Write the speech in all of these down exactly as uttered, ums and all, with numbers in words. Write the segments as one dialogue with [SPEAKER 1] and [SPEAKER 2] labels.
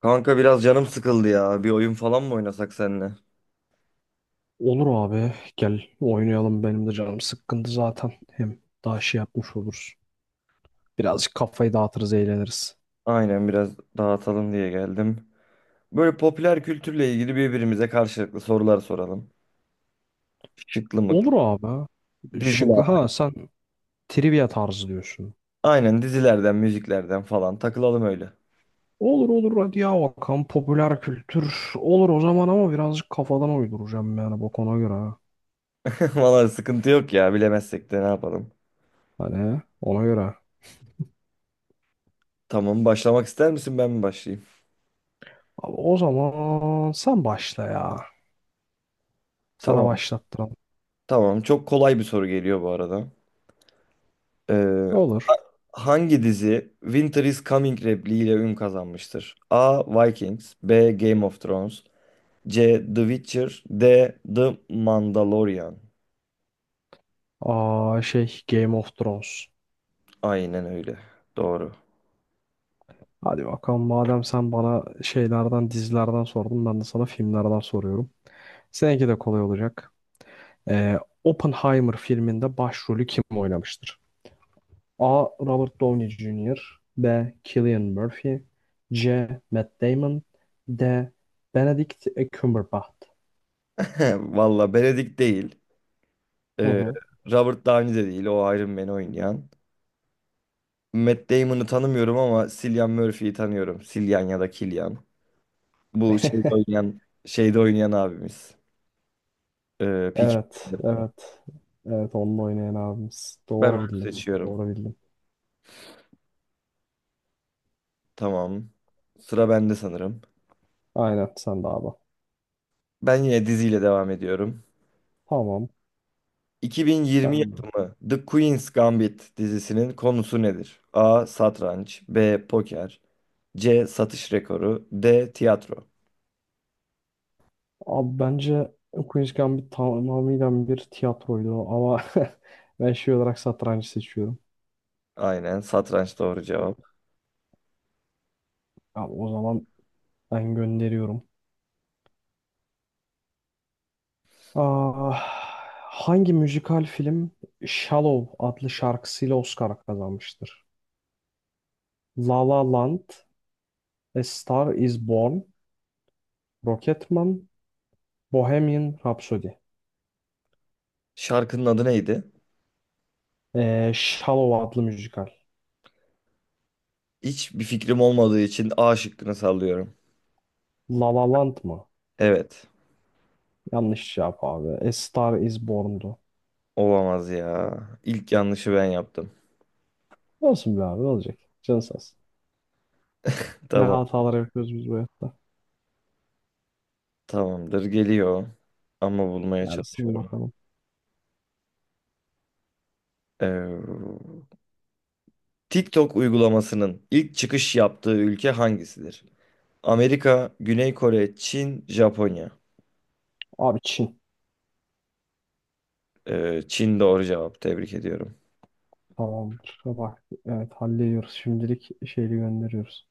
[SPEAKER 1] Kanka biraz canım sıkıldı ya. Bir oyun falan mı oynasak seninle?
[SPEAKER 2] Olur abi gel oynayalım benim de canım sıkkındı zaten. Hem daha şey yapmış oluruz. Birazcık kafayı dağıtırız eğleniriz.
[SPEAKER 1] Aynen biraz dağıtalım diye geldim. Böyle popüler kültürle ilgili birbirimize karşılıklı sorular soralım. Şıklı mıklı.
[SPEAKER 2] Olur abi. Şıklı
[SPEAKER 1] Diziler.
[SPEAKER 2] ha, sen trivia tarzı diyorsun.
[SPEAKER 1] Aynen dizilerden, müziklerden falan takılalım öyle.
[SPEAKER 2] Olur olur, hadi ya bakalım, popüler kültür olur o zaman ama birazcık kafadan uyduracağım yani, bak ona göre. Ha.
[SPEAKER 1] Vallahi sıkıntı yok ya. Bilemezsek de ne yapalım.
[SPEAKER 2] Hani ona göre.
[SPEAKER 1] Tamam, başlamak ister misin, ben mi başlayayım?
[SPEAKER 2] Abi, o zaman sen başla ya. Sana
[SPEAKER 1] Tamam.
[SPEAKER 2] başlattıralım.
[SPEAKER 1] Tamam. Çok kolay bir soru geliyor bu arada. Ee,
[SPEAKER 2] Olur.
[SPEAKER 1] hangi dizi Winter is Coming repliğiyle ün kazanmıştır? A. Vikings, B. Game of Thrones, C. The Witcher, D. The Mandalorian.
[SPEAKER 2] Aa, şey, Game of Thrones.
[SPEAKER 1] Aynen öyle. Doğru.
[SPEAKER 2] Hadi bakalım, madem sen bana şeylerden, dizilerden sordun, ben de sana filmlerden soruyorum. Seninki de kolay olacak. Ee, Oppenheimer filminde başrolü kim oynamıştır? A. Robert Downey junior B. Cillian Murphy C. Matt Damon D. Benedict Cumberbatch.
[SPEAKER 1] Valla Benedict değil.
[SPEAKER 2] Hı
[SPEAKER 1] Ee,
[SPEAKER 2] hı.
[SPEAKER 1] Robert Downey de değil. O Iron Man'i oynayan. Matt Damon'ı tanımıyorum ama Cillian Murphy'yi tanıyorum. Cillian ya da Killian. Bu şeyde oynayan, şeyde oynayan abimiz. Ee, Peaky
[SPEAKER 2] Evet,
[SPEAKER 1] Blinders'da.
[SPEAKER 2] evet. Evet, onunla oynayan abimiz.
[SPEAKER 1] Ben onu
[SPEAKER 2] Doğru bildin.
[SPEAKER 1] seçiyorum.
[SPEAKER 2] Doğru bildin.
[SPEAKER 1] Tamam. Sıra bende sanırım.
[SPEAKER 2] Aynen, sen de abi.
[SPEAKER 1] Ben yine diziyle devam ediyorum.
[SPEAKER 2] Tamam.
[SPEAKER 1] iki bin yirmi
[SPEAKER 2] Sen
[SPEAKER 1] yapımı The Queen's Gambit dizisinin konusu nedir? A. Satranç, B. Poker, C. Satış rekoru, D. Tiyatro.
[SPEAKER 2] Abi bence Queen's Gambit tamamıyla bir tiyatroydu ama ben şey olarak satrancı seçiyorum.
[SPEAKER 1] Aynen, satranç doğru cevap.
[SPEAKER 2] Abi o zaman ben gönderiyorum. Ah, Hangi müzikal film Shallow adlı şarkısıyla Oscar kazanmıştır? La La Land, A Star Is Born, Rocketman, Bohemian Rhapsody.
[SPEAKER 1] Şarkının adı neydi?
[SPEAKER 2] Ee, Shallow adlı müzikal.
[SPEAKER 1] Hiçbir fikrim olmadığı için A şıkkını sallıyorum.
[SPEAKER 2] La La Land mı?
[SPEAKER 1] Evet.
[SPEAKER 2] Yanlış cevap abi. A Star Is Born'du.
[SPEAKER 1] Olamaz ya. İlk yanlışı ben yaptım.
[SPEAKER 2] Olsun be abi, ne olacak? Canı sağ olsun. Ne
[SPEAKER 1] Tamam.
[SPEAKER 2] hatalar yapıyoruz biz bu hayatta.
[SPEAKER 1] Tamamdır. Geliyor. Ama bulmaya
[SPEAKER 2] Gelsin
[SPEAKER 1] çalışıyorum.
[SPEAKER 2] bakalım.
[SPEAKER 1] Ee, TikTok uygulamasının ilk çıkış yaptığı ülke hangisidir? Amerika, Güney Kore, Çin, Japonya.
[SPEAKER 2] Abi, Çin.
[SPEAKER 1] Ee, Çin doğru cevap. Tebrik ediyorum.
[SPEAKER 2] Tamamdır. Bak evet, hallediyoruz. Şimdilik şeyi gönderiyoruz.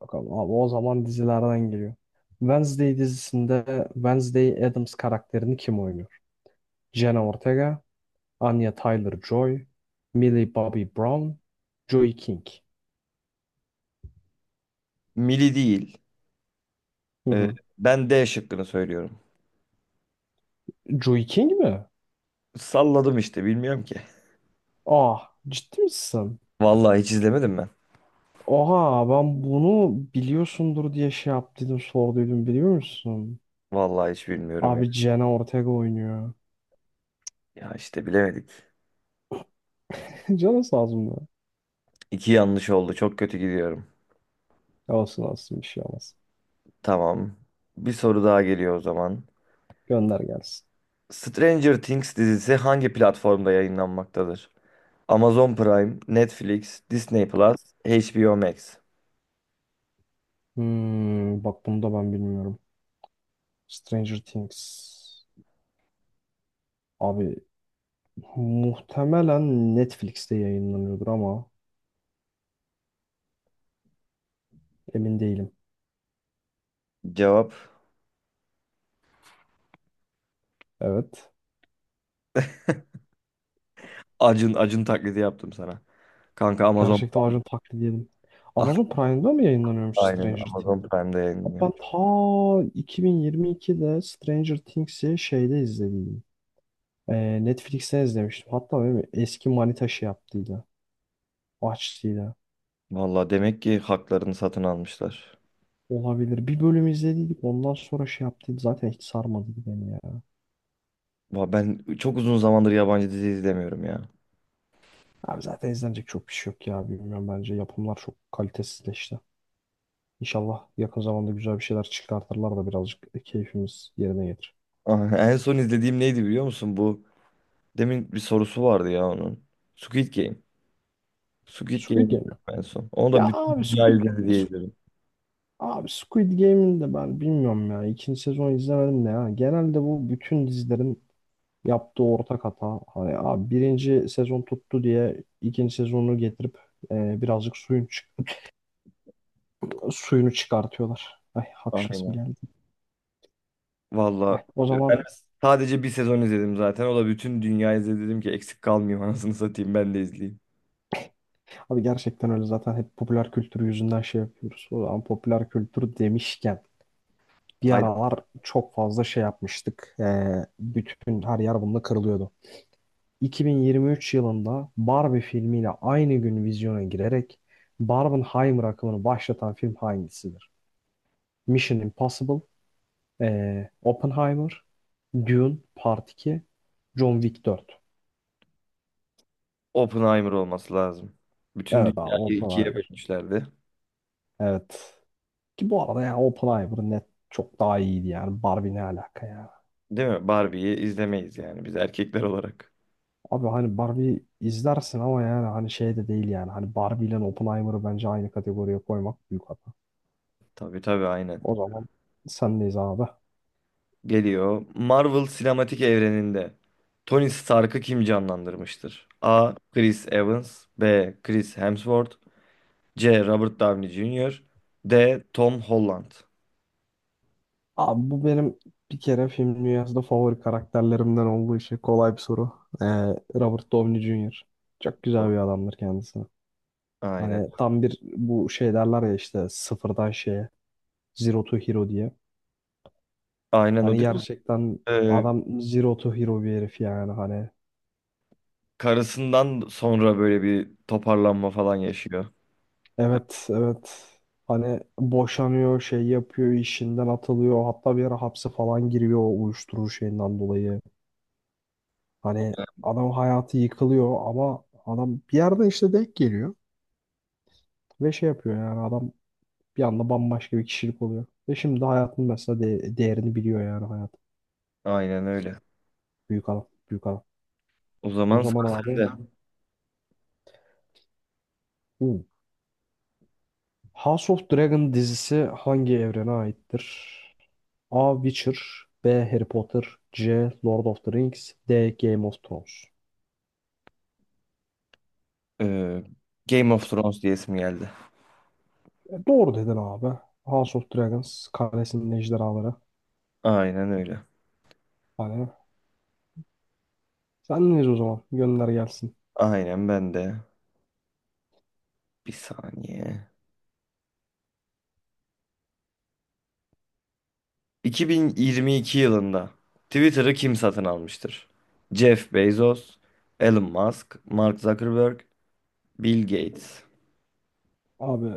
[SPEAKER 2] Bakalım abi, o zaman dizilerden geliyor. Wednesday dizisinde Wednesday Addams karakterini kim oynuyor? Jenna Ortega, Anya Taylor-Joy, Millie Bobby Brown, Joey King.
[SPEAKER 1] Mili değil.
[SPEAKER 2] Hı
[SPEAKER 1] Ee,
[SPEAKER 2] hı.
[SPEAKER 1] ben D şıkkını söylüyorum.
[SPEAKER 2] Joey King mi?
[SPEAKER 1] Salladım işte, bilmiyorum ki.
[SPEAKER 2] Ah, ciddi misin?
[SPEAKER 1] Vallahi hiç izlemedim ben.
[SPEAKER 2] Oha, ben bunu biliyorsundur diye şey yaptıydım, sorduydum, biliyor musun?
[SPEAKER 1] Vallahi hiç bilmiyorum ya.
[SPEAKER 2] Abi Jenna Ortega oynuyor.
[SPEAKER 1] Ya işte, bilemedik.
[SPEAKER 2] Canı sağ olsun da.
[SPEAKER 1] İki yanlış oldu. Çok kötü gidiyorum.
[SPEAKER 2] Olsun olsun, bir şey olmaz.
[SPEAKER 1] Tamam. Bir soru daha geliyor o zaman.
[SPEAKER 2] Gönder gelsin.
[SPEAKER 1] Stranger Things dizisi hangi platformda yayınlanmaktadır? Amazon Prime, Netflix, Disney Plus, HBO Max.
[SPEAKER 2] Hmm, bak bunu da ben bilmiyorum. Stranger Things. Abi muhtemelen Netflix'te yayınlanıyordur ama emin değilim.
[SPEAKER 1] Cevap
[SPEAKER 2] Evet.
[SPEAKER 1] Acun Acun taklidi yaptım sana. Kanka Amazon,
[SPEAKER 2] Gerçekten ağacın taklidi yedim. Amazon Prime'da mı yayınlanıyormuş
[SPEAKER 1] aynen
[SPEAKER 2] Stranger Things?
[SPEAKER 1] Amazon Prime'da
[SPEAKER 2] Abi
[SPEAKER 1] yayınlanıyor.
[SPEAKER 2] ben ta iki bin yirmi ikide Stranger Things'i şeyde izlediydim. Ee, Netflix'ten izlemiştim. Hatta benim eski manita şey yaptıydı. Açtıydı.
[SPEAKER 1] Valla demek ki haklarını satın almışlar.
[SPEAKER 2] Olabilir. Bir bölüm izlediydik. Ondan sonra şey yaptıydı. Zaten hiç sarmadı beni ya.
[SPEAKER 1] Va, ben çok uzun zamandır yabancı dizi izlemiyorum ya.
[SPEAKER 2] Abi zaten izlenecek çok bir şey yok ya. Bilmiyorum, bence. Yapımlar çok kalitesizleşti. İnşallah yakın zamanda güzel bir şeyler çıkartırlar da birazcık keyfimiz yerine gelir.
[SPEAKER 1] Ah, en son izlediğim neydi biliyor musun? Bu demin bir sorusu vardı ya onun. Squid Game. Squid Game'i
[SPEAKER 2] Squid Game mi?
[SPEAKER 1] izledim en son. Onu
[SPEAKER 2] Ya
[SPEAKER 1] da bütün
[SPEAKER 2] abi,
[SPEAKER 1] dünya
[SPEAKER 2] Squid,
[SPEAKER 1] izledi diye
[SPEAKER 2] Squid-
[SPEAKER 1] izledim.
[SPEAKER 2] abi Squid Game'in de ben bilmiyorum ya. İkinci sezon izlemedim de ya. Genelde bu bütün dizilerin yaptığı ortak hata. Hani abi, birinci sezon tuttu diye ikinci sezonu getirip e, birazcık suyun suyunu çıkartıyorlar. Ay, hapşasım
[SPEAKER 1] Aynen.
[SPEAKER 2] geldi. Ay,
[SPEAKER 1] Valla
[SPEAKER 2] o
[SPEAKER 1] ben
[SPEAKER 2] zaman
[SPEAKER 1] sadece bir sezon izledim zaten. O da bütün dünya izledi. Dedim ki eksik kalmayayım, anasını satayım ben de izleyeyim.
[SPEAKER 2] abi gerçekten öyle, zaten hep popüler kültür yüzünden şey yapıyoruz. O zaman popüler kültür demişken bir
[SPEAKER 1] Hayır,
[SPEAKER 2] aralar çok fazla şey yapmıştık. Ee, bütün her yer bununla kırılıyordu. iki bin yirmi üç yılında Barbie filmiyle aynı gün vizyona girerek Barbenheimer akımını başlatan film hangisidir? Mission Impossible, ee, Oppenheimer, Dune Part iki, John Wick dört.
[SPEAKER 1] Oppenheimer olması lazım. Bütün
[SPEAKER 2] Evet abi,
[SPEAKER 1] dünyayı ikiye
[SPEAKER 2] Oppenheimer.
[SPEAKER 1] bölmüşlerdi.
[SPEAKER 2] Evet. Ki bu arada ya Open Iver net çok daha iyiydi yani. Barbie ne alaka ya?
[SPEAKER 1] Değil mi? Barbie'yi izlemeyiz yani biz erkekler olarak.
[SPEAKER 2] Abi hani Barbie izlersin ama yani, hani şey de değil yani. Hani Barbie ile Oppenheimer'ı bence aynı kategoriye koymak büyük hata.
[SPEAKER 1] Tabii tabii, aynen.
[SPEAKER 2] O zaman sendeyiz abi.
[SPEAKER 1] Geliyor. Marvel sinematik evreninde Tony Stark'ı kim canlandırmıştır? A. Chris Evans, B. Chris Hemsworth, C. Robert Downey Junior, D. Tom Holland.
[SPEAKER 2] Abi bu benim bir kere film dünyasında favori karakterlerimden olduğu için kolay bir soru. Ee, Robert Downey junior Çok güzel
[SPEAKER 1] O-
[SPEAKER 2] bir adamdır kendisi.
[SPEAKER 1] aynen.
[SPEAKER 2] Hani tam bir bu şey derler ya işte, sıfırdan şeye, zero to hero diye.
[SPEAKER 1] Aynen, o
[SPEAKER 2] Hani
[SPEAKER 1] değil mi?
[SPEAKER 2] gerçekten
[SPEAKER 1] Ee,
[SPEAKER 2] adam zero to hero bir herif yani, hani.
[SPEAKER 1] karısından sonra böyle bir toparlanma falan yaşıyor.
[SPEAKER 2] Evet, evet. Hani boşanıyor, şey yapıyor, işinden atılıyor. Hatta bir ara hapse falan giriyor o uyuşturucu şeyinden dolayı. Hani adam hayatı yıkılıyor ama adam bir yerden işte denk geliyor. Ve şey yapıyor yani, adam bir anda bambaşka bir kişilik oluyor. Ve şimdi hayatın mesela de- değerini biliyor yani, hayat.
[SPEAKER 1] Aynen öyle.
[SPEAKER 2] Büyük adam. Büyük adam.
[SPEAKER 1] O
[SPEAKER 2] O
[SPEAKER 1] zaman
[SPEAKER 2] zaman
[SPEAKER 1] sıra
[SPEAKER 2] abi.
[SPEAKER 1] sende.
[SPEAKER 2] Hı. House of Dragon dizisi hangi evrene aittir? A. Witcher B. Harry Potter C. Lord of the Rings D. Game of Thrones.
[SPEAKER 1] Ee, Game of Thrones diyesim geldi.
[SPEAKER 2] E, doğru dedin abi. House of Dragons Kalesinin Ejderhaları.
[SPEAKER 1] Aynen öyle.
[SPEAKER 2] Hani sen neyiz o zaman? Gönder gelsin.
[SPEAKER 1] Aynen ben de. Bir saniye. iki bin yirmi iki yılında Twitter'ı kim satın almıştır? Jeff Bezos, Elon Musk, Mark Zuckerberg, Bill Gates.
[SPEAKER 2] Abi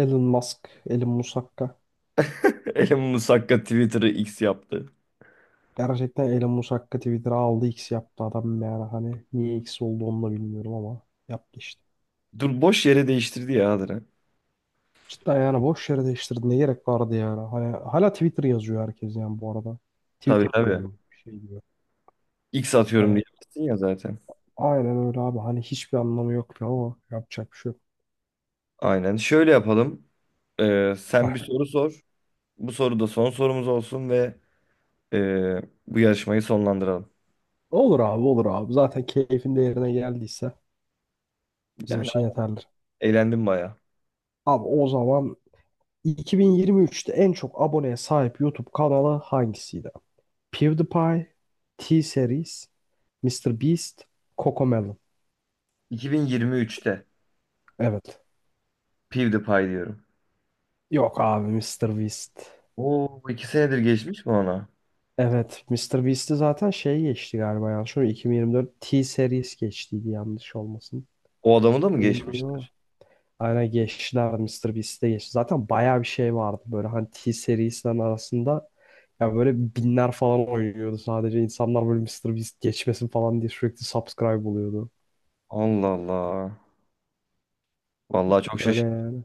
[SPEAKER 2] Elon Musk, Elon Musakka.
[SPEAKER 1] Elon Musk hakka Twitter'ı X yaptı.
[SPEAKER 2] Gerçekten Elon Musakka Twitter'a aldı, X yaptı adam yani, hani niye X oldu onu da bilmiyorum ama yaptı işte.
[SPEAKER 1] Dur, boş yere değiştirdi ya Adra.
[SPEAKER 2] Cidden yani, boş yere değiştirdi. Ne gerek vardı yani? Hani hala Twitter yazıyor herkes yani, bu arada. Tweet
[SPEAKER 1] Tabii tabii.
[SPEAKER 2] atıyorum, bir şey diyor.
[SPEAKER 1] X atıyorum
[SPEAKER 2] Hani
[SPEAKER 1] diyemezsin ya zaten.
[SPEAKER 2] aynen öyle abi. Hani hiçbir anlamı yoktu ama yapacak bir şey yok.
[SPEAKER 1] Aynen. Şöyle yapalım. Ee, sen
[SPEAKER 2] Ah,
[SPEAKER 1] bir soru sor. Bu soru da son sorumuz olsun ve ee, bu yarışmayı sonlandıralım.
[SPEAKER 2] Olur abi, olur abi. Zaten keyfin de yerine geldiyse bizim
[SPEAKER 1] Yani
[SPEAKER 2] için yeterlidir.
[SPEAKER 1] eğlendim baya.
[SPEAKER 2] Abi o zaman iki bin yirmi üçte en çok aboneye sahip YouTube kanalı hangisiydi? PewDiePie, T-Series, mister Beast, Cocomelon.
[SPEAKER 1] iki bin yirmi üçte
[SPEAKER 2] Evet.
[SPEAKER 1] PewDiePie diyorum.
[SPEAKER 2] Yok abi, mister Beast.
[SPEAKER 1] Oo, iki senedir geçmiş mi ona?
[SPEAKER 2] Evet, mister Beast'i zaten şey geçti galiba, yanlış mı? iki bin yirmi dört T-Series geçtiydi, yanlış olmasın.
[SPEAKER 1] O adamı da mı
[SPEAKER 2] Emin değilim ama.
[SPEAKER 1] geçmişler?
[SPEAKER 2] Aynen geçtiler, mister Beast'e geçti. Zaten bayağı bir şey vardı böyle hani T serisinden arasında. Ya böyle binler falan oynuyordu sadece. İnsanlar böyle mister Beast geçmesin falan diye sürekli subscribe oluyordu.
[SPEAKER 1] Allah Allah. Vallahi çok
[SPEAKER 2] Öyle
[SPEAKER 1] şaşırdım.
[SPEAKER 2] yani.